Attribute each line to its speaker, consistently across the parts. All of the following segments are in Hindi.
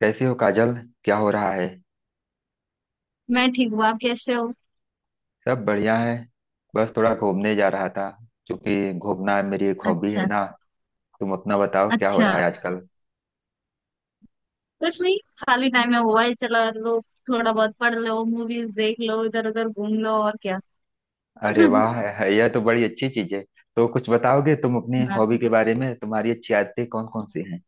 Speaker 1: कैसी हो, काजल? क्या हो रहा है?
Speaker 2: मैं ठीक हूँ। आप कैसे हो?
Speaker 1: सब बढ़िया है। बस थोड़ा घूमने जा रहा था क्योंकि घूमना मेरी एक हॉबी है
Speaker 2: अच्छा।
Speaker 1: ना। तुम अपना बताओ, क्या हो
Speaker 2: अच्छा,
Speaker 1: रहा है आजकल?
Speaker 2: कुछ नहीं, खाली टाइम है, मोबाइल चला लो, थोड़ा बहुत पढ़ लो, मूवीज देख लो, इधर उधर घूम लो, और क्या।
Speaker 1: अरे वाह, यह तो बड़ी अच्छी चीज है। तो कुछ बताओगे तुम अपनी
Speaker 2: हाँ,
Speaker 1: हॉबी के बारे में? तुम्हारी अच्छी आदतें कौन कौन सी हैं?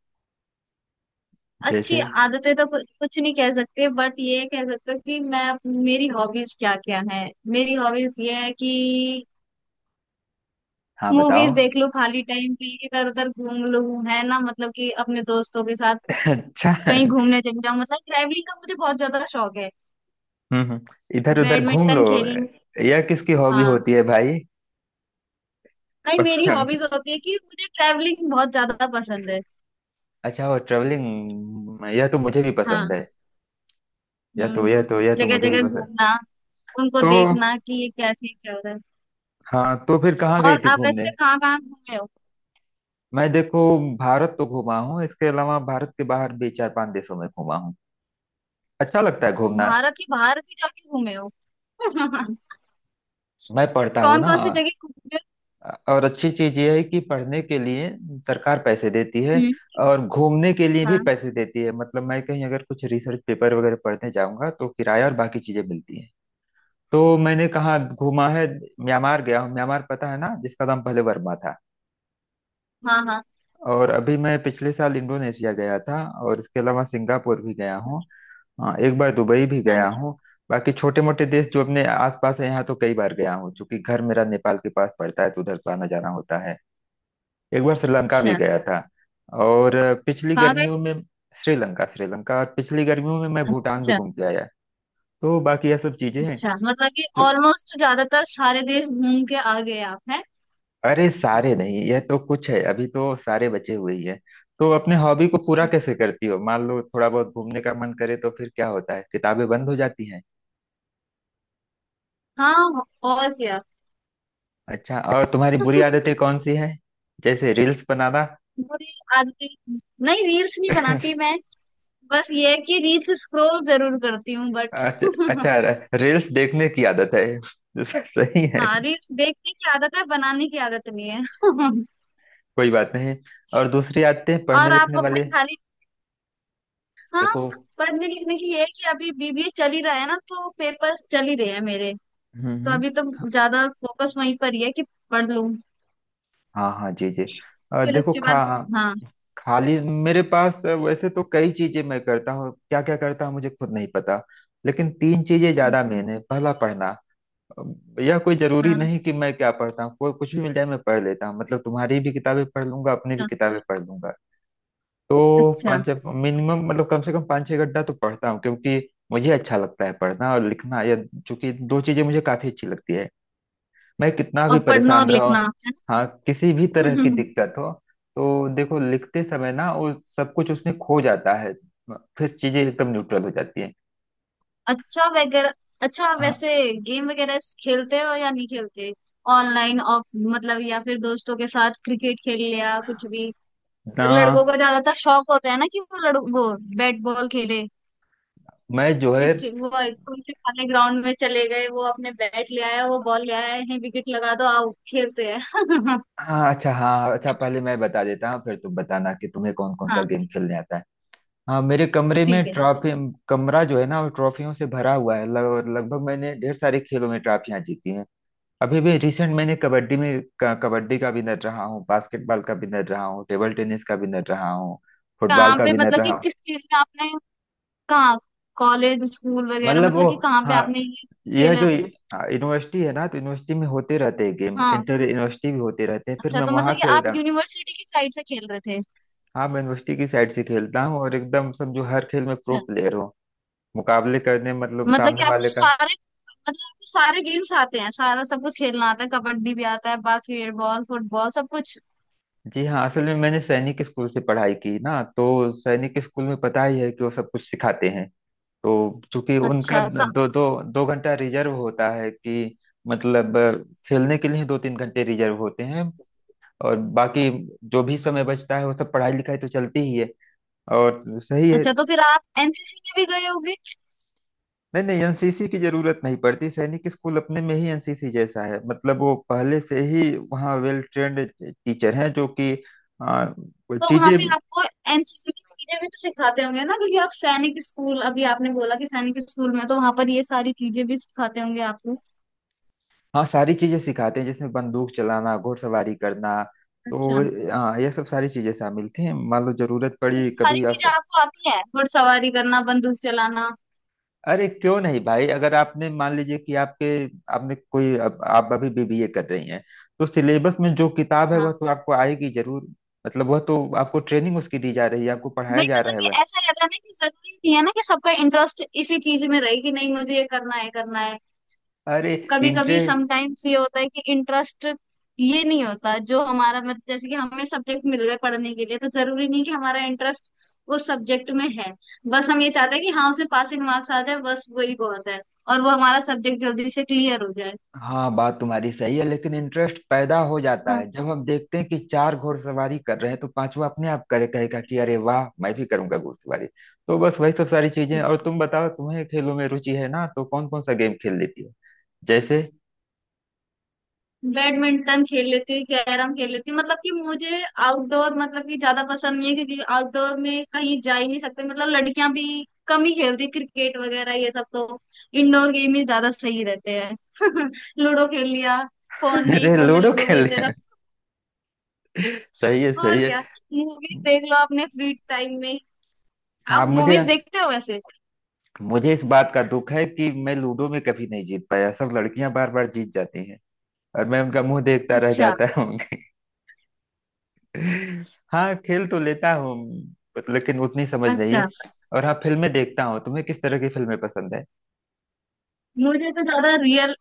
Speaker 2: अच्छी
Speaker 1: जैसे?
Speaker 2: आदतें तो कुछ नहीं कह सकते, बट ये कह सकते हो कि मैं, मेरी हॉबीज क्या क्या है, मेरी हॉबीज ये है कि
Speaker 1: हाँ, बताओ।
Speaker 2: मूवीज देख लो खाली टाइम पे, इधर उधर घूम लो, है ना, मतलब कि अपने दोस्तों के साथ
Speaker 1: अच्छा।
Speaker 2: कहीं घूमने चले जाओ, मतलब ट्रैवलिंग का मुझे बहुत ज्यादा शौक है।
Speaker 1: हम्म। इधर उधर घूम
Speaker 2: बैडमिंटन
Speaker 1: लो।
Speaker 2: खेल लूं।
Speaker 1: यह किसकी हॉबी
Speaker 2: हाँ,
Speaker 1: होती है, भाई?
Speaker 2: नहीं, मेरी हॉबीज होती है कि मुझे ट्रैवलिंग बहुत ज्यादा पसंद है।
Speaker 1: अच्छा, वो ट्रेवलिंग यह तो मुझे भी पसंद
Speaker 2: हाँ।
Speaker 1: है। यह तो
Speaker 2: हम्म।
Speaker 1: यह तो यह तो
Speaker 2: जगह
Speaker 1: मुझे भी
Speaker 2: जगह
Speaker 1: पसंद।
Speaker 2: घूमना, उनको
Speaker 1: तो
Speaker 2: देखना कि ये कैसे चल रहा है।
Speaker 1: हाँ, तो फिर कहाँ गई
Speaker 2: और
Speaker 1: थी
Speaker 2: आप
Speaker 1: घूमने?
Speaker 2: वैसे कहाँ कहाँ घूमे हो?
Speaker 1: मैं देखो, भारत तो घूमा हूँ। इसके अलावा भारत के बाहर भी चार पांच देशों में घूमा हूँ। अच्छा लगता है घूमना।
Speaker 2: भारत के बाहर भी जाके घूमे हो?
Speaker 1: मैं पढ़ता हूँ
Speaker 2: कौन
Speaker 1: ना,
Speaker 2: कौन सी जगह घूमे
Speaker 1: और अच्छी चीज ये है कि पढ़ने के लिए सरकार पैसे देती
Speaker 2: हो?
Speaker 1: है
Speaker 2: हम्म।
Speaker 1: और घूमने के लिए भी
Speaker 2: हाँ
Speaker 1: पैसे देती है। मतलब मैं कहीं अगर कुछ रिसर्च पेपर वगैरह पढ़ने जाऊंगा तो किराया और बाकी चीजें मिलती हैं। तो मैंने कहाँ घूमा है? म्यांमार गया हूँ। म्यांमार पता है ना, जिसका नाम पहले वर्मा था।
Speaker 2: हाँ। हाँ।
Speaker 1: और अभी मैं पिछले साल इंडोनेशिया गया था, और इसके अलावा सिंगापुर भी गया हूँ। हाँ, एक बार दुबई भी गया
Speaker 2: अच्छा।
Speaker 1: हूँ। बाकी छोटे मोटे देश जो अपने आसपास है यहाँ, तो कई बार गया हूँ। चूंकि घर मेरा नेपाल के पास पड़ता है तो उधर तो आना जाना होता है। एक बार श्रीलंका भी
Speaker 2: अच्छा,
Speaker 1: गया था, और पिछली
Speaker 2: कहाँ गए?
Speaker 1: गर्मियों में श्रीलंका, श्रीलंका, और पिछली गर्मियों में मैं भूटान भी
Speaker 2: अच्छा।
Speaker 1: घूम के आया। तो बाकी यह सब चीजें हैं।
Speaker 2: अच्छा मतलब कि ऑलमोस्ट ज्यादातर सारे देश घूम के आ गए आप हैं।
Speaker 1: अरे सारे नहीं, यह तो कुछ है, अभी तो सारे बचे हुए ही है। तो अपने हॉबी को पूरा
Speaker 2: अच्छा।
Speaker 1: कैसे करती हो? मान लो थोड़ा बहुत घूमने का मन करे तो फिर क्या होता है, किताबें बंद हो जाती हैं?
Speaker 2: हाँ, और क्या।
Speaker 1: अच्छा, और तुम्हारी बुरी आदतें कौन सी हैं? जैसे रील्स बनाना।
Speaker 2: बुरी आदमी, नहीं, रील्स नहीं बनाती मैं। बस ये है कि रील्स स्क्रॉल जरूर करती हूँ बट
Speaker 1: अच्छा। अच्छा, रील्स देखने की आदत है। सही है।
Speaker 2: हाँ, रील्स देखने की आदत है, बनाने की आदत नहीं है।
Speaker 1: कोई बात नहीं। और दूसरी आदतें पढ़ने
Speaker 2: और आप
Speaker 1: लिखने
Speaker 2: अपने
Speaker 1: वाले?
Speaker 2: खाली, हाँ,
Speaker 1: देखो।
Speaker 2: पढ़ने लिखने की ये है कि अभी बीबीए चल ही रहा है ना, तो पेपर्स चल ही रहे हैं मेरे।
Speaker 1: हम्म।
Speaker 2: तो
Speaker 1: हम्म।
Speaker 2: अभी तो ज्यादा फोकस वहीं पर ही है कि पढ़ लूँ,
Speaker 1: हाँ हाँ, जी जी। और
Speaker 2: फिर
Speaker 1: देखो
Speaker 2: उसके
Speaker 1: खा
Speaker 2: बाद। हाँ।
Speaker 1: खाली, मेरे पास वैसे तो कई चीजें मैं करता हूँ, क्या क्या करता हूँ मुझे खुद नहीं पता। लेकिन तीन चीजें ज्यादा
Speaker 2: अच्छा।
Speaker 1: मेन है। पहला, पढ़ना। अ, यह कोई जरूरी
Speaker 2: हाँ।
Speaker 1: नहीं कि मैं क्या पढ़ता हूँ, कोई कुछ भी मिल जाए मैं पढ़ लेता हूँ। मतलब तुम्हारी भी किताबें पढ़ लूंगा, अपनी भी
Speaker 2: अच्छा।
Speaker 1: किताबें पढ़ लूंगा। तो
Speaker 2: अच्छा,
Speaker 1: पाँच मिनिमम, मतलब कम से कम पाँच छह घंटा तो पढ़ता हूँ क्योंकि मुझे अच्छा लगता है। पढ़ना और लिखना, यह चूंकि दो चीजें मुझे काफी अच्छी लगती है। मैं कितना भी
Speaker 2: और पढ़ना और
Speaker 1: परेशान रहा हूं,
Speaker 2: लिखना है
Speaker 1: हाँ, किसी भी तरह
Speaker 2: ना।
Speaker 1: की दिक्कत हो, तो देखो लिखते समय ना वो सब कुछ उसमें खो जाता है। फिर चीजें एकदम न्यूट्रल हो जाती हैं।
Speaker 2: अच्छा वगैरह। अच्छा
Speaker 1: हाँ
Speaker 2: वैसे गेम वगैरह खेलते हो या नहीं खेलते? ऑनलाइन ऑफ मतलब, या फिर दोस्तों के साथ क्रिकेट खेल लिया, कुछ भी।
Speaker 1: ना।
Speaker 2: लड़कों को ज्यादातर शौक होता है ना, कि वो लड़, वो बैट बॉल खेले,
Speaker 1: मैं जो है
Speaker 2: वो कौन से खाली ग्राउंड में चले गए, वो अपने बैट ले आया, वो बॉल ले आया है, विकेट लगा दो, आओ खेलते हैं।
Speaker 1: हाँ अच्छा, हाँ अच्छा, पहले मैं बता देता हूँ फिर तुम बताना कि तुम्हें कौन कौन सा
Speaker 2: हाँ
Speaker 1: गेम खेलने आता है। हाँ, मेरे कमरे
Speaker 2: ठीक
Speaker 1: में
Speaker 2: है।
Speaker 1: ट्रॉफी, कमरा जो है ना वो ट्रॉफियों से भरा हुआ है। लगभग मैंने ढेर सारे खेलों में ट्रॉफियां जीती हैं। अभी भी रिसेंट मैंने कबड्डी में कबड्डी का विनर रहा हूँ, बास्केटबॉल का विनर रहा हूँ, टेबल टेनिस का विनर रहा हूँ, फुटबॉल
Speaker 2: कहाँ
Speaker 1: का
Speaker 2: पे,
Speaker 1: विनर
Speaker 2: मतलब कि
Speaker 1: रहा हूँ।
Speaker 2: किस चीज में आपने, कहाँ, कॉलेज स्कूल वगैरह,
Speaker 1: मतलब वो,
Speaker 2: मतलब कि कहाँ पे
Speaker 1: हाँ,
Speaker 2: आपने ये
Speaker 1: यह
Speaker 2: खेला
Speaker 1: जो
Speaker 2: था?
Speaker 1: यूनिवर्सिटी है ना, तो यूनिवर्सिटी में होते रहते हैं गेम।
Speaker 2: हाँ।
Speaker 1: इंटर यूनिवर्सिटी भी होते रहते हैं, फिर
Speaker 2: अच्छा,
Speaker 1: मैं
Speaker 2: तो मतलब
Speaker 1: वहां
Speaker 2: कि आप
Speaker 1: खेलता हूँ।
Speaker 2: यूनिवर्सिटी की साइड से खेल रहे थे? अच्छा।
Speaker 1: हाँ, मैं यूनिवर्सिटी की साइड से खेलता हूँ, और एकदम समझो हर खेल में प्रो प्लेयर हूँ। मुकाबले करने, मतलब
Speaker 2: मतलब
Speaker 1: सामने
Speaker 2: कि आपको
Speaker 1: वाले का।
Speaker 2: सारे, मतलब आपको सारे गेम्स आते हैं, सारा सब कुछ खेलना आता है, कबड्डी भी आता है, बास्केटबॉल, फुटबॉल, सब कुछ?
Speaker 1: जी हाँ, असल में मैंने सैनिक स्कूल से पढ़ाई की ना, तो सैनिक स्कूल में पता ही है कि वो सब कुछ सिखाते हैं। तो चूंकि उनका
Speaker 2: अच्छा
Speaker 1: दो दो दो घंटा रिजर्व होता है कि, मतलब खेलने के लिए दो तीन घंटे रिजर्व होते हैं। और बाकी जो भी समय बचता है वो सब पढ़ाई लिखाई तो चलती ही है। और सही है।
Speaker 2: अच्छा तो फिर आप एनसीसी में भी गए होगे?
Speaker 1: नहीं नहीं, एनसीसी की जरूरत नहीं पड़ती। सैनिक स्कूल अपने में ही एनसीसी जैसा है। मतलब वो पहले से ही वहाँ वेल ट्रेंड टीचर हैं जो कि अ,
Speaker 2: तो वहां
Speaker 1: चीजें,
Speaker 2: पे आपको एनसीसी की चीजें भी तो सिखाते होंगे ना, क्योंकि आप सैनिक स्कूल, अभी आपने बोला कि सैनिक स्कूल में, तो वहां पर ये सारी चीजें भी सिखाते होंगे आपको।
Speaker 1: हाँ, सारी चीजें सिखाते हैं जिसमें बंदूक चलाना, घुड़सवारी करना।
Speaker 2: अच्छा,
Speaker 1: तो हाँ, ये सब सारी चीजें शामिल थी, मान लो जरूरत
Speaker 2: तो ये
Speaker 1: पड़ी कभी,
Speaker 2: सारी चीजें
Speaker 1: अवसर।
Speaker 2: आपको आती हैं, घुड़सवारी करना, बंदूक चलाना।
Speaker 1: अरे क्यों नहीं, भाई! अगर आपने मान लीजिए कि आपके, आपने कोई, अब आप अभी बीबीए कर रही हैं, तो सिलेबस में जो किताब है वह
Speaker 2: हाँ,
Speaker 1: तो आपको आएगी जरूर। मतलब वह तो आपको ट्रेनिंग उसकी दी जा रही है, आपको पढ़ाया
Speaker 2: नहीं,
Speaker 1: जा रहा
Speaker 2: मतलब
Speaker 1: है
Speaker 2: कि
Speaker 1: वह।
Speaker 2: ऐसा रहता है ना कि जरूरी नहीं है ना, कि सबका इंटरेस्ट इसी चीज में रहे, कि नहीं मुझे ये करना है, करना है।
Speaker 1: अरे
Speaker 2: कभी कभी
Speaker 1: इंटरेस्ट,
Speaker 2: समटाइम्स ये होता है कि इंटरेस्ट ये नहीं होता जो हमारा, मतलब जैसे कि हमें सब्जेक्ट मिल गए पढ़ने के लिए, तो जरूरी नहीं कि हमारा इंटरेस्ट उस सब्जेक्ट में है। बस हम ये चाहते हैं कि हाँ उसमें पासिंग मार्क्स आ जाए, बस वही बहुत है, और वो हमारा सब्जेक्ट जल्दी से क्लियर हो जाए।
Speaker 1: हाँ, बात तुम्हारी सही है, लेकिन इंटरेस्ट पैदा हो जाता
Speaker 2: हाँ,
Speaker 1: है जब हम देखते हैं कि चार घुड़सवारी कर रहे हैं तो पांचवा अपने आप करे, कहेगा कि अरे वाह मैं भी करूंगा घुड़सवारी। तो बस वही सब सारी चीजें। और तुम बताओ, तुम्हें खेलों में रुचि है ना, तो कौन कौन सा गेम खेल लेती हो? जैसे?
Speaker 2: बैडमिंटन खेल लेती हूँ, कैरम खेल लेती हूँ, मतलब कि मुझे आउटडोर मतलब कि ज्यादा पसंद नहीं है, क्योंकि आउटडोर में कहीं जा ही नहीं सकते, मतलब लड़कियां भी कम ही खेलती क्रिकेट वगैरह ये सब, तो इंडोर गेम ही ज्यादा सही रहते हैं। लूडो खेल लिया, फोन में
Speaker 1: अरे
Speaker 2: फोन में
Speaker 1: लूडो
Speaker 2: लूडो
Speaker 1: खेल
Speaker 2: खेलते
Speaker 1: रहे हैं!
Speaker 2: रहो,
Speaker 1: सही है, सही
Speaker 2: और
Speaker 1: है।
Speaker 2: क्या, मूवीज देख लो अपने फ्री टाइम में।
Speaker 1: हाँ,
Speaker 2: आप
Speaker 1: मुझे
Speaker 2: मूवीज देखते हो वैसे?
Speaker 1: मुझे इस बात का दुख है कि मैं लूडो में कभी नहीं जीत पाया, सब लड़कियां बार बार जीत जाती हैं और मैं उनका मुंह देखता रह
Speaker 2: अच्छा।
Speaker 1: जाता। हाँ, खेल तो लेता हूँ, but लेकिन उतनी समझ नहीं
Speaker 2: अच्छा।
Speaker 1: है। और हाँ, फिल्में देखता हूँ। तुम्हें किस तरह की फिल्में पसंद है?
Speaker 2: मुझे तो ज्यादा रियल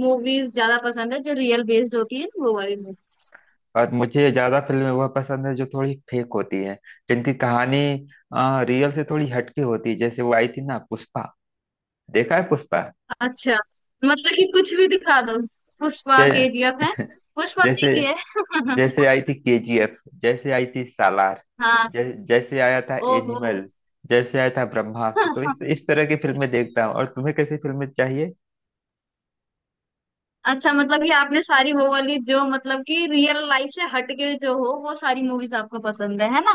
Speaker 2: मूवीज ज्यादा पसंद है, जो रियल बेस्ड होती है ना वो वाली मूवीज।
Speaker 1: और मुझे ज्यादा फिल्में वह पसंद है जो थोड़ी फेक होती है, जिनकी कहानी रियल से थोड़ी हटके होती है। जैसे वो आई थी ना, पुष्पा। देखा है पुष्पा?
Speaker 2: अच्छा मतलब कि कुछ भी दिखा दो, पुष्पा,
Speaker 1: जै,
Speaker 2: केजीएफ है, पुष्पा
Speaker 1: जैसे,
Speaker 2: देखिए।
Speaker 1: जैसे आई थी केजीएफ, जैसे आई थी सालार,
Speaker 2: हाँ।
Speaker 1: जैसे आया था
Speaker 2: ओहो।
Speaker 1: एनिमल, जैसे आया था ब्रह्मास्त्र। तो इस, इस तरह की फिल्में देखता हूँ। और तुम्हें कैसी फिल्में?
Speaker 2: अच्छा मतलब कि आपने सारी वो वाली जो मतलब कि रियल लाइफ से हटके जो हो वो सारी मूवीज आपको पसंद है ना?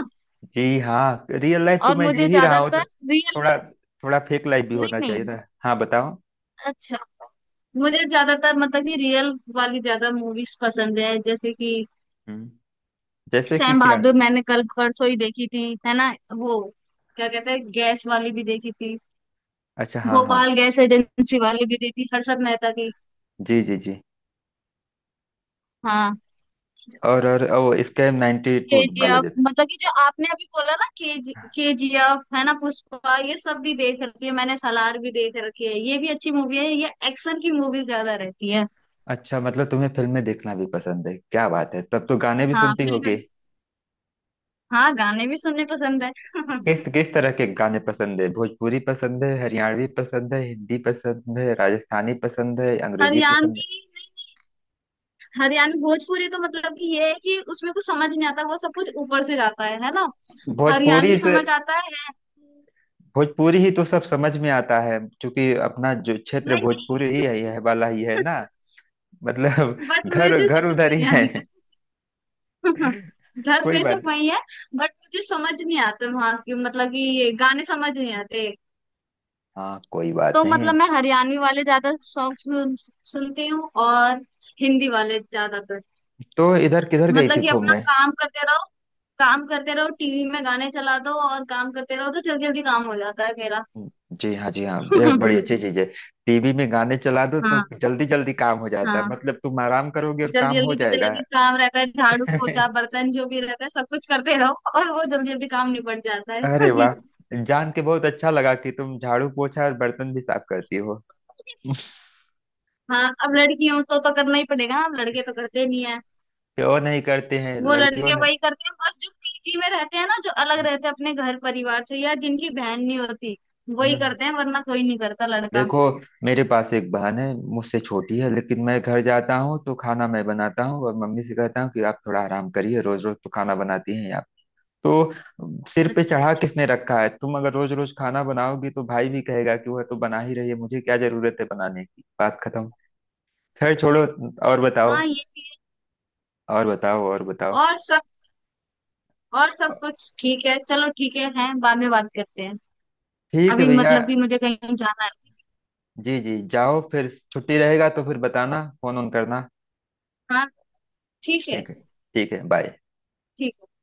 Speaker 1: जी हाँ, रियल लाइफ तो
Speaker 2: और
Speaker 1: मैं जी
Speaker 2: मुझे
Speaker 1: ही रहा हूँ।
Speaker 2: ज्यादातर रियल,
Speaker 1: थोड़ा, थोड़ा फेक लाइफ भी
Speaker 2: नहीं
Speaker 1: होना चाहिए
Speaker 2: नहीं।
Speaker 1: था। हाँ, बताओ।
Speaker 2: अच्छा। मुझे ज्यादातर मतलब कि रियल वाली ज्यादा मूवीज पसंद है, जैसे कि
Speaker 1: हम्म। जैसे कि
Speaker 2: सैम
Speaker 1: क्या?
Speaker 2: बहादुर मैंने कल परसों ही देखी थी, है ना। वो क्या कहते हैं, गैस वाली भी देखी थी,
Speaker 1: अच्छा, हाँ हाँ,
Speaker 2: गोपाल गैस एजेंसी वाली भी दी थी, हर्षद मेहता की।
Speaker 1: जी जी जी।
Speaker 2: हाँ,
Speaker 1: और ओ स्कैम 92
Speaker 2: केजीएफ
Speaker 1: बालाजी।
Speaker 2: मतलब कि जो आपने अभी बोला ना, केजीएफ है ना, पुष्पा, ये सब भी देख रखी है मैंने, सलार भी देख रखी है, ये भी अच्छी मूवी है, ये एक्शन की मूवी ज्यादा रहती है।
Speaker 1: अच्छा मतलब तुम्हें फिल्में देखना भी पसंद है, क्या बात है, तब तो गाने भी
Speaker 2: हाँ
Speaker 1: सुनती होगी?
Speaker 2: फिल्म, हाँ, गाने भी सुनने पसंद है।
Speaker 1: किस किस तरह के गाने पसंद है, भोजपुरी पसंद है, हरियाणवी पसंद है, हिंदी पसंद है, राजस्थानी पसंद है, अंग्रेजी
Speaker 2: हरियाणवी,
Speaker 1: पसंद
Speaker 2: नहीं नहीं, हरियाणवी भोजपुरी तो मतलब कि ये है कि उसमें कुछ समझ नहीं आता, वो सब कुछ ऊपर से जाता है ना।
Speaker 1: है? भोजपुरी
Speaker 2: हरियाणवी
Speaker 1: से,
Speaker 2: समझ आता है, है?
Speaker 1: भोजपुरी ही तो सब समझ में आता है क्योंकि अपना जो क्षेत्र
Speaker 2: नहीं
Speaker 1: भोजपुरी ही
Speaker 2: नहीं।
Speaker 1: है, यह वाला ही है ना। मतलब
Speaker 2: बट मुझे
Speaker 1: घर
Speaker 2: तो
Speaker 1: घर
Speaker 2: समझ
Speaker 1: उधर
Speaker 2: में
Speaker 1: ही
Speaker 2: नहीं
Speaker 1: है।
Speaker 2: आती। धर्म
Speaker 1: कोई
Speaker 2: ये सब
Speaker 1: बात
Speaker 2: वही है। बट मुझे समझ नहीं आते वहाँ की, मतलब कि ये गाने समझ नहीं आते।
Speaker 1: हाँ, कोई बात
Speaker 2: तो
Speaker 1: नहीं।
Speaker 2: मतलब मैं हरियाणवी वाले ज्यादा सॉन्ग सुनती हूँ, और हिंदी वाले ज्यादातर,
Speaker 1: तो इधर किधर गई
Speaker 2: मतलब
Speaker 1: थी
Speaker 2: कि अपना
Speaker 1: घूमने?
Speaker 2: काम करते रहो, काम करते रहो, टीवी में गाने चला दो और काम करते रहो, तो जल्दी जल्दी काम हो जाता है मेरा।
Speaker 1: जी हाँ, जी हाँ, यह बड़ी अच्छी चीज है। टीवी में गाने चला दो
Speaker 2: हाँ।
Speaker 1: तो जल्दी जल्दी काम हो जाता है,
Speaker 2: हाँ,
Speaker 1: मतलब तुम आराम करोगे और
Speaker 2: जल्दी
Speaker 1: काम हो
Speaker 2: जल्दी जितना
Speaker 1: जाएगा।
Speaker 2: भी काम रहता है, झाड़ू पोछा बर्तन जो भी रहता है सब कुछ करते रहो, और वो जल्दी जल्दी काम निपट जाता
Speaker 1: अरे
Speaker 2: है।
Speaker 1: वाह, जान के बहुत अच्छा लगा कि तुम झाड़ू पोछा और बर्तन भी साफ करती हो।
Speaker 2: हाँ, अब लड़की हूं तो करना ही पड़ेगा, अब लड़के तो करते नहीं है।
Speaker 1: क्यों नहीं करते हैं
Speaker 2: वो
Speaker 1: लड़कियों
Speaker 2: लड़के
Speaker 1: ने?
Speaker 2: वही करते हैं बस जो पीजी में रहते हैं ना, जो अलग
Speaker 1: हम्म।
Speaker 2: रहते हैं अपने घर परिवार से, या जिनकी बहन नहीं होती वही
Speaker 1: हम्म।
Speaker 2: करते हैं, वरना कोई नहीं करता लड़का।
Speaker 1: देखो, मेरे पास एक बहन है, मुझसे छोटी है, लेकिन मैं घर जाता हूँ तो खाना मैं बनाता हूँ और मम्मी से कहता हूँ कि आप थोड़ा आराम करिए, रोज रोज तो खाना बनाती हैं आप। तो सिर पे
Speaker 2: अच्छा।
Speaker 1: चढ़ा किसने रखा है? तुम अगर रोज रोज खाना बनाओगी तो भाई भी कहेगा कि वह तो बना ही रही है, मुझे क्या जरूरत है बनाने की, बात खत्म। खैर छोड़ो। और
Speaker 2: हाँ
Speaker 1: बताओ,
Speaker 2: ये भी है।
Speaker 1: और बताओ, और बताओ।
Speaker 2: और सब, और सब कुछ ठीक है, चलो ठीक है, हैं, बाद में बात करते हैं,
Speaker 1: ठीक है,
Speaker 2: अभी
Speaker 1: भैया।
Speaker 2: मतलब कि मुझे कहीं जाना है।
Speaker 1: जी जी, जाओ, फिर छुट्टी रहेगा तो फिर बताना, फोन ऑन करना।
Speaker 2: हाँ ठीक है।
Speaker 1: ठीक है। ठीक है, बाय।
Speaker 2: ठीक है।